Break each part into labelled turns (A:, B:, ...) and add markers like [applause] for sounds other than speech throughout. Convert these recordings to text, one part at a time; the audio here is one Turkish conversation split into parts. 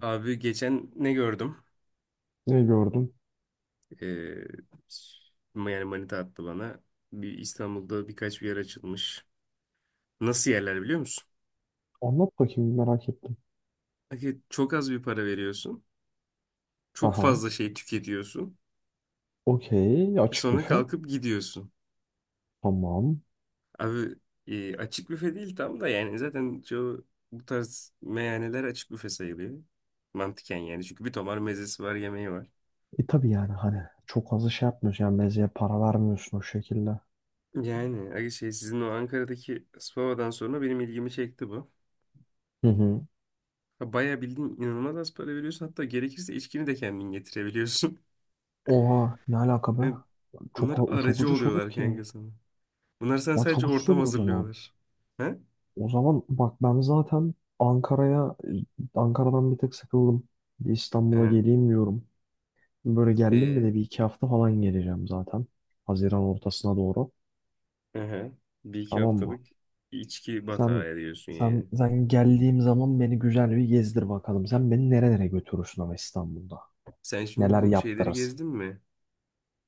A: Abi geçen ne gördüm?
B: Ne gördün?
A: Ee, Yani manita attı bana. Bir İstanbul'da birkaç bir yer açılmış. Nasıl yerler biliyor musun?
B: Anlat bakayım merak ettim.
A: Hani çok az bir para veriyorsun. Çok
B: Aha.
A: fazla şey tüketiyorsun.
B: Okey.
A: Ve
B: Açık
A: sonra
B: büfe.
A: kalkıp gidiyorsun.
B: Tamam.
A: Abi, açık büfe değil tam da yani zaten çoğu bu tarz meyhaneler açık büfe sayılıyor. Mantıken yani çünkü bir tomar mezesi var, yemeği var.
B: E tabii yani hani çok fazla şey yapmıyorsun. Yani mezeye para vermiyorsun o şekilde.
A: Yani abi şey, sizin o Ankara'daki Spava'dan sonra benim ilgimi çekti bu.
B: Hı hı.
A: Ya, bayağı bildiğin inanılmaz az para veriyorsun. Hatta gerekirse içkini de kendin getirebiliyorsun. [laughs]
B: Oha ne alaka be?
A: Yani
B: Çok,
A: bunlar
B: çok
A: aracı
B: ucuz olur
A: oluyorlar
B: ki.
A: kanka sana. Bunlar sen
B: Lan
A: sadece
B: çok ucuz
A: ortam
B: olur o zaman.
A: hazırlıyorlar. Ha.
B: O zaman bak ben zaten Ankara'dan bir tek sıkıldım. Bir İstanbul'a
A: He.
B: geleyim diyorum. Böyle geldim mi de
A: Ee?
B: bir iki hafta falan geleceğim zaten. Haziran ortasına doğru.
A: Aha. Bir iki
B: Tamam mı?
A: haftalık içki batağı
B: Sen
A: ediyorsun
B: sen
A: yani.
B: sen geldiğim zaman beni güzel bir gezdir bakalım. Sen beni nerelere götürürsün ama İstanbul'da?
A: Sen şimdi
B: Neler
A: bu şeyleri
B: yaptırırsın?
A: gezdin mi?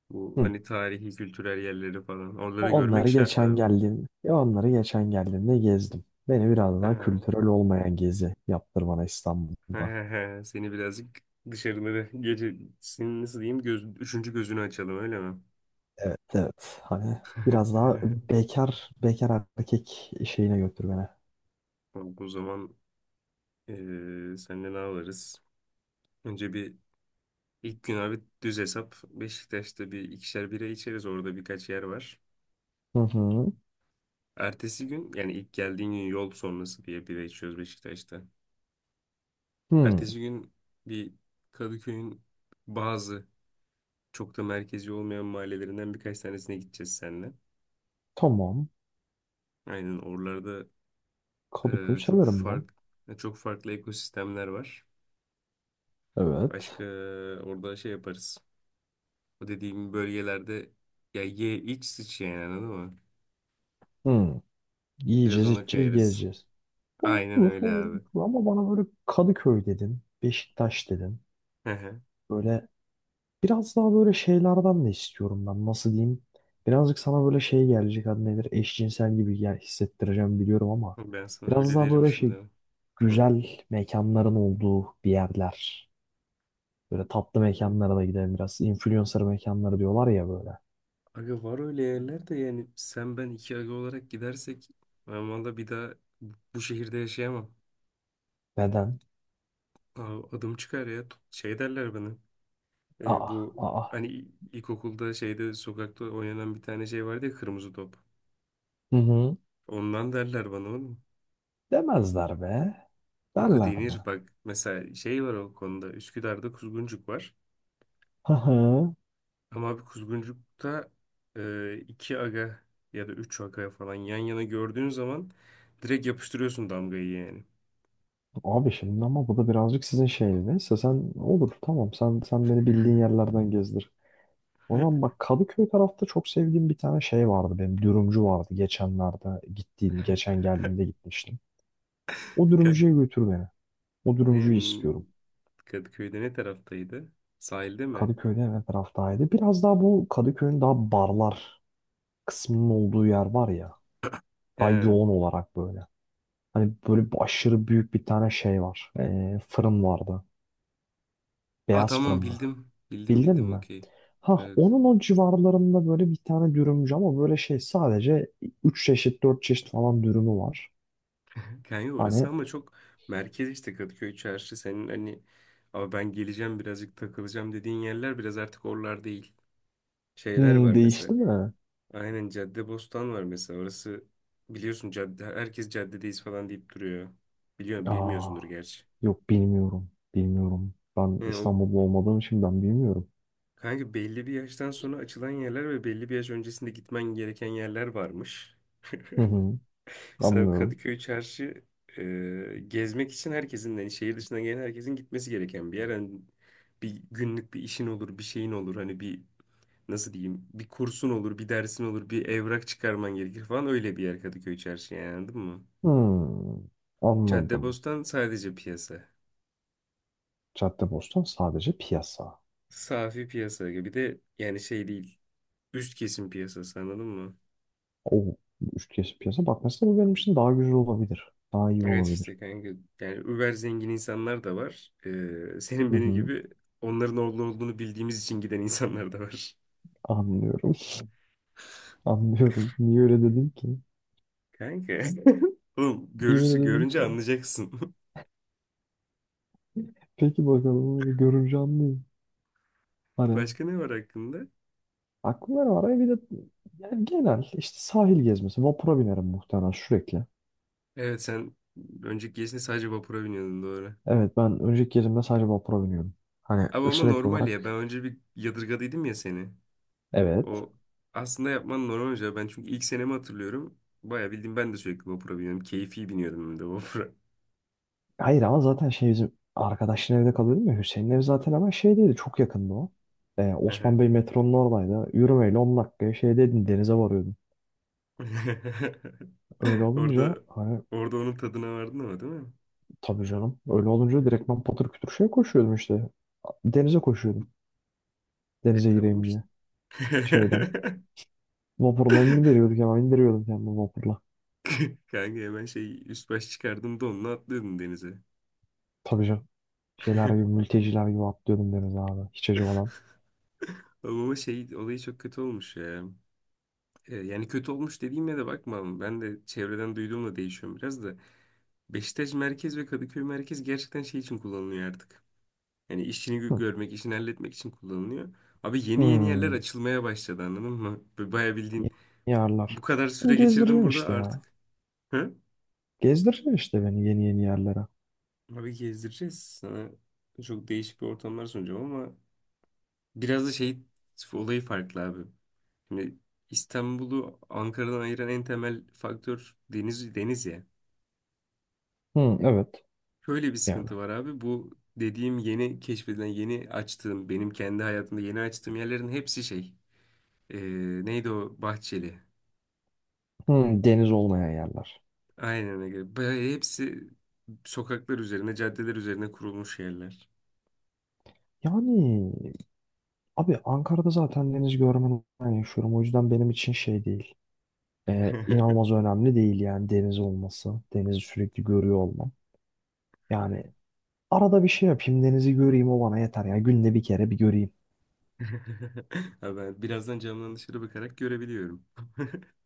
A: Bu
B: Hı.
A: hani tarihi, kültürel yerleri falan. Oraları görmek
B: Onları
A: şart
B: geçen
A: abi.
B: geldiğim, ya onları geçen geldiğimde gezdim. Beni biraz daha
A: Ha.
B: kültürel olmayan gezi yaptır bana İstanbul'da.
A: [laughs] Seni birazcık dışarıları gece, senin nasıl diyeyim göz, üçüncü gözünü açalım öyle mi?
B: Evet, evet. Hani biraz daha bekar bekar erkek şeyine götür beni.
A: [laughs] Abi o zaman Ee, senle ne alırız? Önce bir, ilk gün abi düz hesap. Beşiktaş'ta bir ikişer bira içeriz. Orada birkaç yer var.
B: Hı hı.
A: Ertesi gün, yani ilk geldiğin gün yol sonrası diye bira içiyoruz Beşiktaş'ta.
B: Hı.
A: Ertesi gün bir Kadıköy'ün bazı çok da merkezi olmayan mahallelerinden birkaç tanesine gideceğiz seninle.
B: Tamam.
A: Aynen oralarda,
B: Kadıköy
A: e, çok
B: severim ben.
A: fark çok farklı ekosistemler var.
B: Evet.
A: Başka orada şey yaparız. O dediğim bölgelerde ya ye iç sıç yani, anladın mı?
B: Hı.
A: Biraz
B: Yiyeceğiz,
A: ona
B: içeceğiz,
A: kayarız.
B: gezeceğiz.
A: Aynen
B: Olur,
A: öyle
B: olur,
A: abi.
B: olur. Ama bana böyle Kadıköy dedin, Beşiktaş dedin.
A: Hı hı.
B: Böyle biraz daha böyle şeylerden de istiyorum ben. Nasıl diyeyim? Birazcık sana böyle şey gelecek adı nedir? Eşcinsel gibi ya hissettireceğim biliyorum ama
A: Ben sana
B: biraz
A: öyle
B: daha
A: derim
B: böyle şey
A: şimdi. Hı.
B: güzel mekanların olduğu bir yerler. Böyle tatlı
A: Yani,
B: mekanlara da gidelim biraz. Influencer mekanları diyorlar ya böyle.
A: aga var öyle yerler de. Yani sen ben iki aga olarak gidersek ben valla bir daha bu şehirde yaşayamam.
B: Neden?
A: Abi adım çıkar ya. Şey derler bana.
B: Aa,
A: Bu
B: aa.
A: hani ilkokulda şeyde sokakta oynanan bir tane şey vardı ya, kırmızı top.
B: Hı hı.
A: Ondan derler bana oğlum.
B: Demezler be.
A: Akı
B: Derler
A: denir,
B: mi?
A: bak mesela şey var o konuda, Üsküdar'da Kuzguncuk var.
B: Hı hı.
A: Ama abi kuzguncukta iki aga ya da üç aga falan yan yana gördüğün zaman direkt yapıştırıyorsun damgayı yani.
B: Abi şimdi ama bu da birazcık sizin şeyiniz. Neyse sen olur tamam sen beni bildiğin yerlerden gezdir. O zaman
A: [laughs]
B: bak Kadıköy tarafta çok sevdiğim bir tane şey vardı benim dürümcü vardı geçenlerde gittiğim geçen geldiğimde gitmiştim. O
A: Kay-
B: dürümcüye götür beni. O
A: Ne,
B: dürümcüyü istiyorum.
A: Kadıköy'de ne taraftaydı? Sahilde mi?
B: Kadıköy'de hemen taraftaydı. Biraz daha bu Kadıköy'ün daha barlar kısmının olduğu yer var ya daha
A: He.
B: yoğun olarak böyle. Hani böyle bir aşırı büyük bir tane şey var. Fırın vardı.
A: Aa,
B: Beyaz fırın
A: tamam
B: mı?
A: bildim. Bildim
B: Bildin
A: bildim,
B: mi?
A: okey.
B: Ha
A: Evet.
B: onun o civarlarında böyle bir tane dürümcü ama böyle şey sadece 3 çeşit 4 çeşit falan dürümü var.
A: Kanka orası
B: Hani
A: ama çok merkez işte, Kadıköy çarşı. Senin hani abi ben geleceğim birazcık takılacağım dediğin yerler biraz artık oralar değil. Şeyler var mesela.
B: değişti mi?
A: Aynen, Caddebostan var mesela. Orası, biliyorsun cadde, herkes caddedeyiz falan deyip duruyor. Biliyor,
B: Aa,
A: bilmiyorsundur gerçi.
B: yok bilmiyorum. Bilmiyorum. Ben
A: Yani o
B: İstanbul'da olmadığım için ben bilmiyorum.
A: kanka, belli bir yaştan sonra açılan yerler ve belli bir yaş öncesinde gitmen gereken yerler varmış. [laughs]
B: Hı hı,
A: Mesela
B: anlıyorum.
A: Kadıköy Çarşı, gezmek için herkesin, yani şehir dışından gelen herkesin gitmesi gereken bir yer. Hani bir günlük bir işin olur, bir şeyin olur. Hani bir, nasıl diyeyim, bir kursun olur, bir dersin olur, bir evrak çıkarman gerekir falan, öyle bir yer Kadıköy Çarşı yani, anladın mı?
B: Hmm, Anladım.
A: Caddebostan sadece piyasa.
B: Caddebostan sadece piyasa.
A: Safi piyasa gibi, bir de yani şey değil. Üst kesim piyasası, anladın mı?
B: O üç kez piyasa. Bak mesela bu benim için daha güzel olabilir. Daha iyi
A: Evet
B: olabilir.
A: işte kanka, yani über zengin insanlar da var. Senin
B: Hı
A: benim
B: hı,
A: gibi onların orada olduğunu bildiğimiz için giden insanlar da var.
B: anlıyorum. [laughs] Anlıyorum. Niye öyle dedin ki?
A: Kanka. [laughs] Oğlum,
B: Niye öyle
A: görürsün,
B: dedin
A: görünce
B: ki?
A: anlayacaksın.
B: Peki bakalım öyle görünce anlayayım.
A: [laughs]
B: Hani
A: Başka ne var hakkında?
B: aklımda ne var. Bir de yani genel işte sahil gezmesi. Vapura binerim muhtemelen sürekli.
A: Evet, sen önceki gezinde sadece vapura biniyordun, doğru.
B: Evet ben önceki gezimde sadece vapura biniyordum. Hani
A: Ama
B: sürekli
A: normal ya, ben
B: olarak
A: önce bir yadırgadıydım ya seni.
B: evet.
A: O aslında yapman normal hoca. Ben çünkü ilk senemi hatırlıyorum. Bayağı bildiğim ben de sürekli vapura biniyorum. Keyfi biniyordum ben de vapura.
B: Hayır ama zaten şey bizim arkadaşın evde kalıyordum ya Hüseyin'in evi zaten hemen şeydeydi çok yakındı o.
A: Hı hı.
B: Osman Bey metronun oradaydı. Yürümeyle 10 dakikaya şeydeydin denize varıyordum.
A: [laughs]
B: Öyle olunca
A: Orada
B: hani
A: orada onun tadına vardın ama değil mi?
B: tabii canım öyle olunca direktman patır kütür şeye koşuyordum işte. Denize koşuyordum.
A: E
B: Denize
A: tamam
B: gireyim
A: işte.
B: diye.
A: [laughs]
B: Şeyden. Vapurla indiriyorduk hemen indiriyordum kendimi vapurla.
A: Kanka hemen şey üst baş çıkardım da onunla atlıyordum denize.
B: Tabii canım. Şeyler gibi mülteciler gibi atlıyordum denize abi. Hiç acımadan.
A: Oğlum, ama şey olayı çok kötü olmuş ya. Yani kötü olmuş dediğime de bakma. Ben de çevreden duyduğumla değişiyorum biraz da. Beşiktaş merkez ve Kadıköy merkez gerçekten şey için kullanılıyor artık. Yani işini
B: Hı.
A: görmek, işini halletmek için kullanılıyor. Abi yeni yeni yerler
B: Hmm.
A: açılmaya başladı, anladın mı? Bayağı
B: Yeni
A: bildiğin bu
B: yerler.
A: kadar
B: Beni
A: süre geçirdim
B: gezdireceksin
A: burada
B: işte ya.
A: artık. Hı?
B: Gezdireceksin işte beni yeni yeni yerlere.
A: Abi gezdireceğiz sana. Çok değişik bir ortamlar sunacağım ama biraz da şey olayı farklı abi. Şimdi İstanbul'u Ankara'dan ayıran en temel faktör deniz, deniz ya.
B: Hı, evet.
A: Şöyle bir
B: Yani.
A: sıkıntı var abi. Bu dediğim yeni keşfedilen, yeni açtığım, benim kendi hayatımda yeni açtığım yerlerin hepsi şey. Ee, Neydi o Bahçeli?
B: Hı, deniz olmayan yerler.
A: Aynen öyle. Bayağı hepsi sokaklar üzerine, caddeler üzerine kurulmuş yerler.
B: Yani abi Ankara'da zaten deniz görmeden yaşıyorum. O yüzden benim için şey değil.
A: [laughs]
B: İnanılmaz önemli değil yani deniz olması. Denizi sürekli görüyor olmam. Yani arada bir şey yapayım denizi göreyim o bana yeter ya. Günde bir kere bir göreyim.
A: Ha, ben birazdan camdan dışarı bakarak görebiliyorum.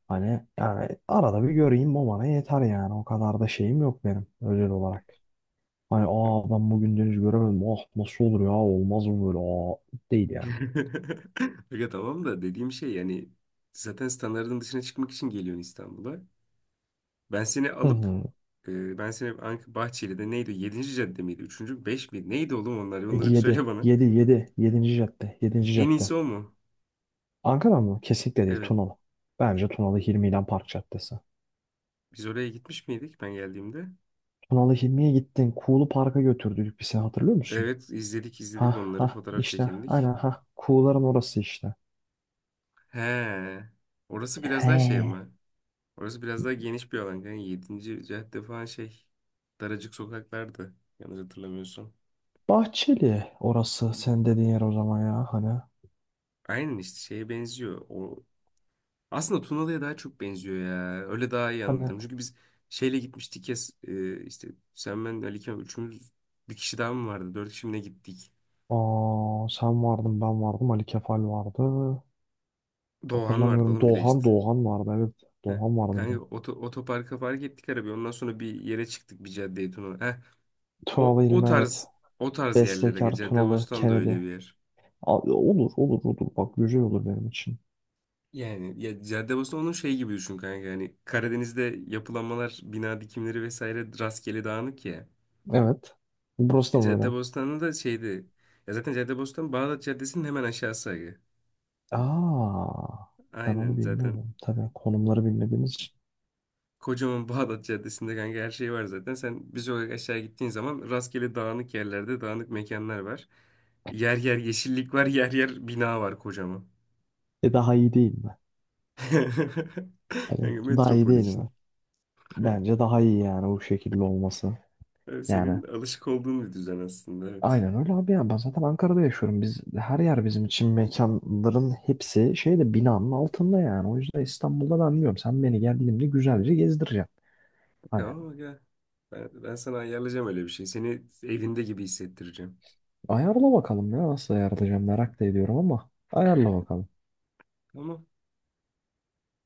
B: Hani yani arada bir göreyim o bana yeter yani. O kadar da şeyim yok benim özel olarak. Hani
A: Tamam.
B: aa ben bugün deniz göremedim. Ah nasıl olur ya olmaz mı böyle aa değil yani.
A: [laughs] Aga tamam da dediğim şey, yani zaten standartın dışına çıkmak için geliyorsun İstanbul'a. Ben seni
B: Hı
A: alıp
B: hı.
A: Ben seni Bahçeli'de neydi? Yedinci cadde miydi? 3. 5 miydi? Neydi oğlum onlar? Onları bir söyle
B: yedi,
A: bana.
B: 7 7 yedinci cadde 7.
A: En
B: cadde.
A: iyisi o mu?
B: Ankara mı? Kesinlikle değil
A: Evet.
B: Tunalı. Bence Tunalı Hilmi ile Park Caddesi.
A: Biz oraya gitmiş miydik ben geldiğimde?
B: Tunalı Hilmi'ye gittin. Kuğulu Park'a götürdük bir sene hatırlıyor musun?
A: Evet, izledik
B: Ha
A: onları,
B: ha
A: fotoğraf
B: işte
A: çekindik.
B: aynen ha. Kuğuların orası işte.
A: He. Orası biraz daha şey
B: He.
A: ama. Orası biraz daha geniş bir alan. Yani 7. cadde falan şey. Daracık sokaklardı. Yanlış hatırlamıyorsam.
B: Bahçeli orası sen dediğin yer o zaman ya hani.
A: Aynen işte şeye benziyor. O aslında Tunalı'ya daha çok benziyor ya. Öyle daha iyi
B: Hani
A: anlatırım. Çünkü biz şeyle gitmiştik ya, işte sen, ben, Ali Kemal, üçümüz. Bir kişi daha mı vardı? Dört kişi mi ne gittik?
B: aa, sen vardın ben vardım Ali Kefal vardı.
A: Doğan vardı
B: Hatırlamıyorum
A: oğlum bir de işte.
B: Doğan Doğan vardı evet.
A: Heh.
B: Doğan vardı bir de.
A: Kanka otoparka park ettik arabayı. Ondan sonra bir yere çıktık, bir caddeye, Tunalı. O,
B: Tunalı
A: o
B: İlmi evet.
A: tarz O tarz yerlere
B: Bestekar Tunalı
A: Caddebostan da
B: Kennedy.
A: öyle bir yer.
B: Olur olur olur bak güzel olur benim için.
A: Yani ya Caddebostan onun şey gibi düşün kanka. Yani Karadeniz'de yapılanmalar, bina dikimleri vesaire rastgele dağınık ya.
B: Evet. Burası da mı öyle?
A: Caddebostan'da da şeydi. Ya zaten Caddebostan Bağdat Caddesi'nin hemen aşağısı, aga.
B: Aa, ben onu
A: Aynen zaten
B: bilmiyorum. Tabii konumları bilmediğimiz için.
A: kocaman [laughs] Bağdat Caddesi'nde kanka her şey var zaten. Sen bir sokak aşağı gittiğin zaman rastgele dağınık yerlerde dağınık mekanlar var. Yer yer yeşillik var, yer yer bina var kocaman.
B: E daha iyi değil mi?
A: [laughs]
B: Hani
A: Yani
B: daha iyi
A: metropol
B: değil mi?
A: için.
B: Bence daha iyi yani bu şekilde olması.
A: Evet,
B: Yani
A: senin alışık olduğun bir düzen aslında, evet.
B: aynen öyle abi ya. Ben zaten Ankara'da yaşıyorum. Biz her yer bizim için mekanların hepsi şeyde binanın altında yani. O yüzden İstanbul'da ben diyorum sen beni geldiğimde güzelce gezdireceksin. Hani
A: Tamam, gel. Ben sana ayarlayacağım öyle bir şey. Seni evinde gibi hissettireceğim.
B: ayarla bakalım ya nasıl ayarlayacağım merak da ediyorum ama ayarla bakalım.
A: Tamam.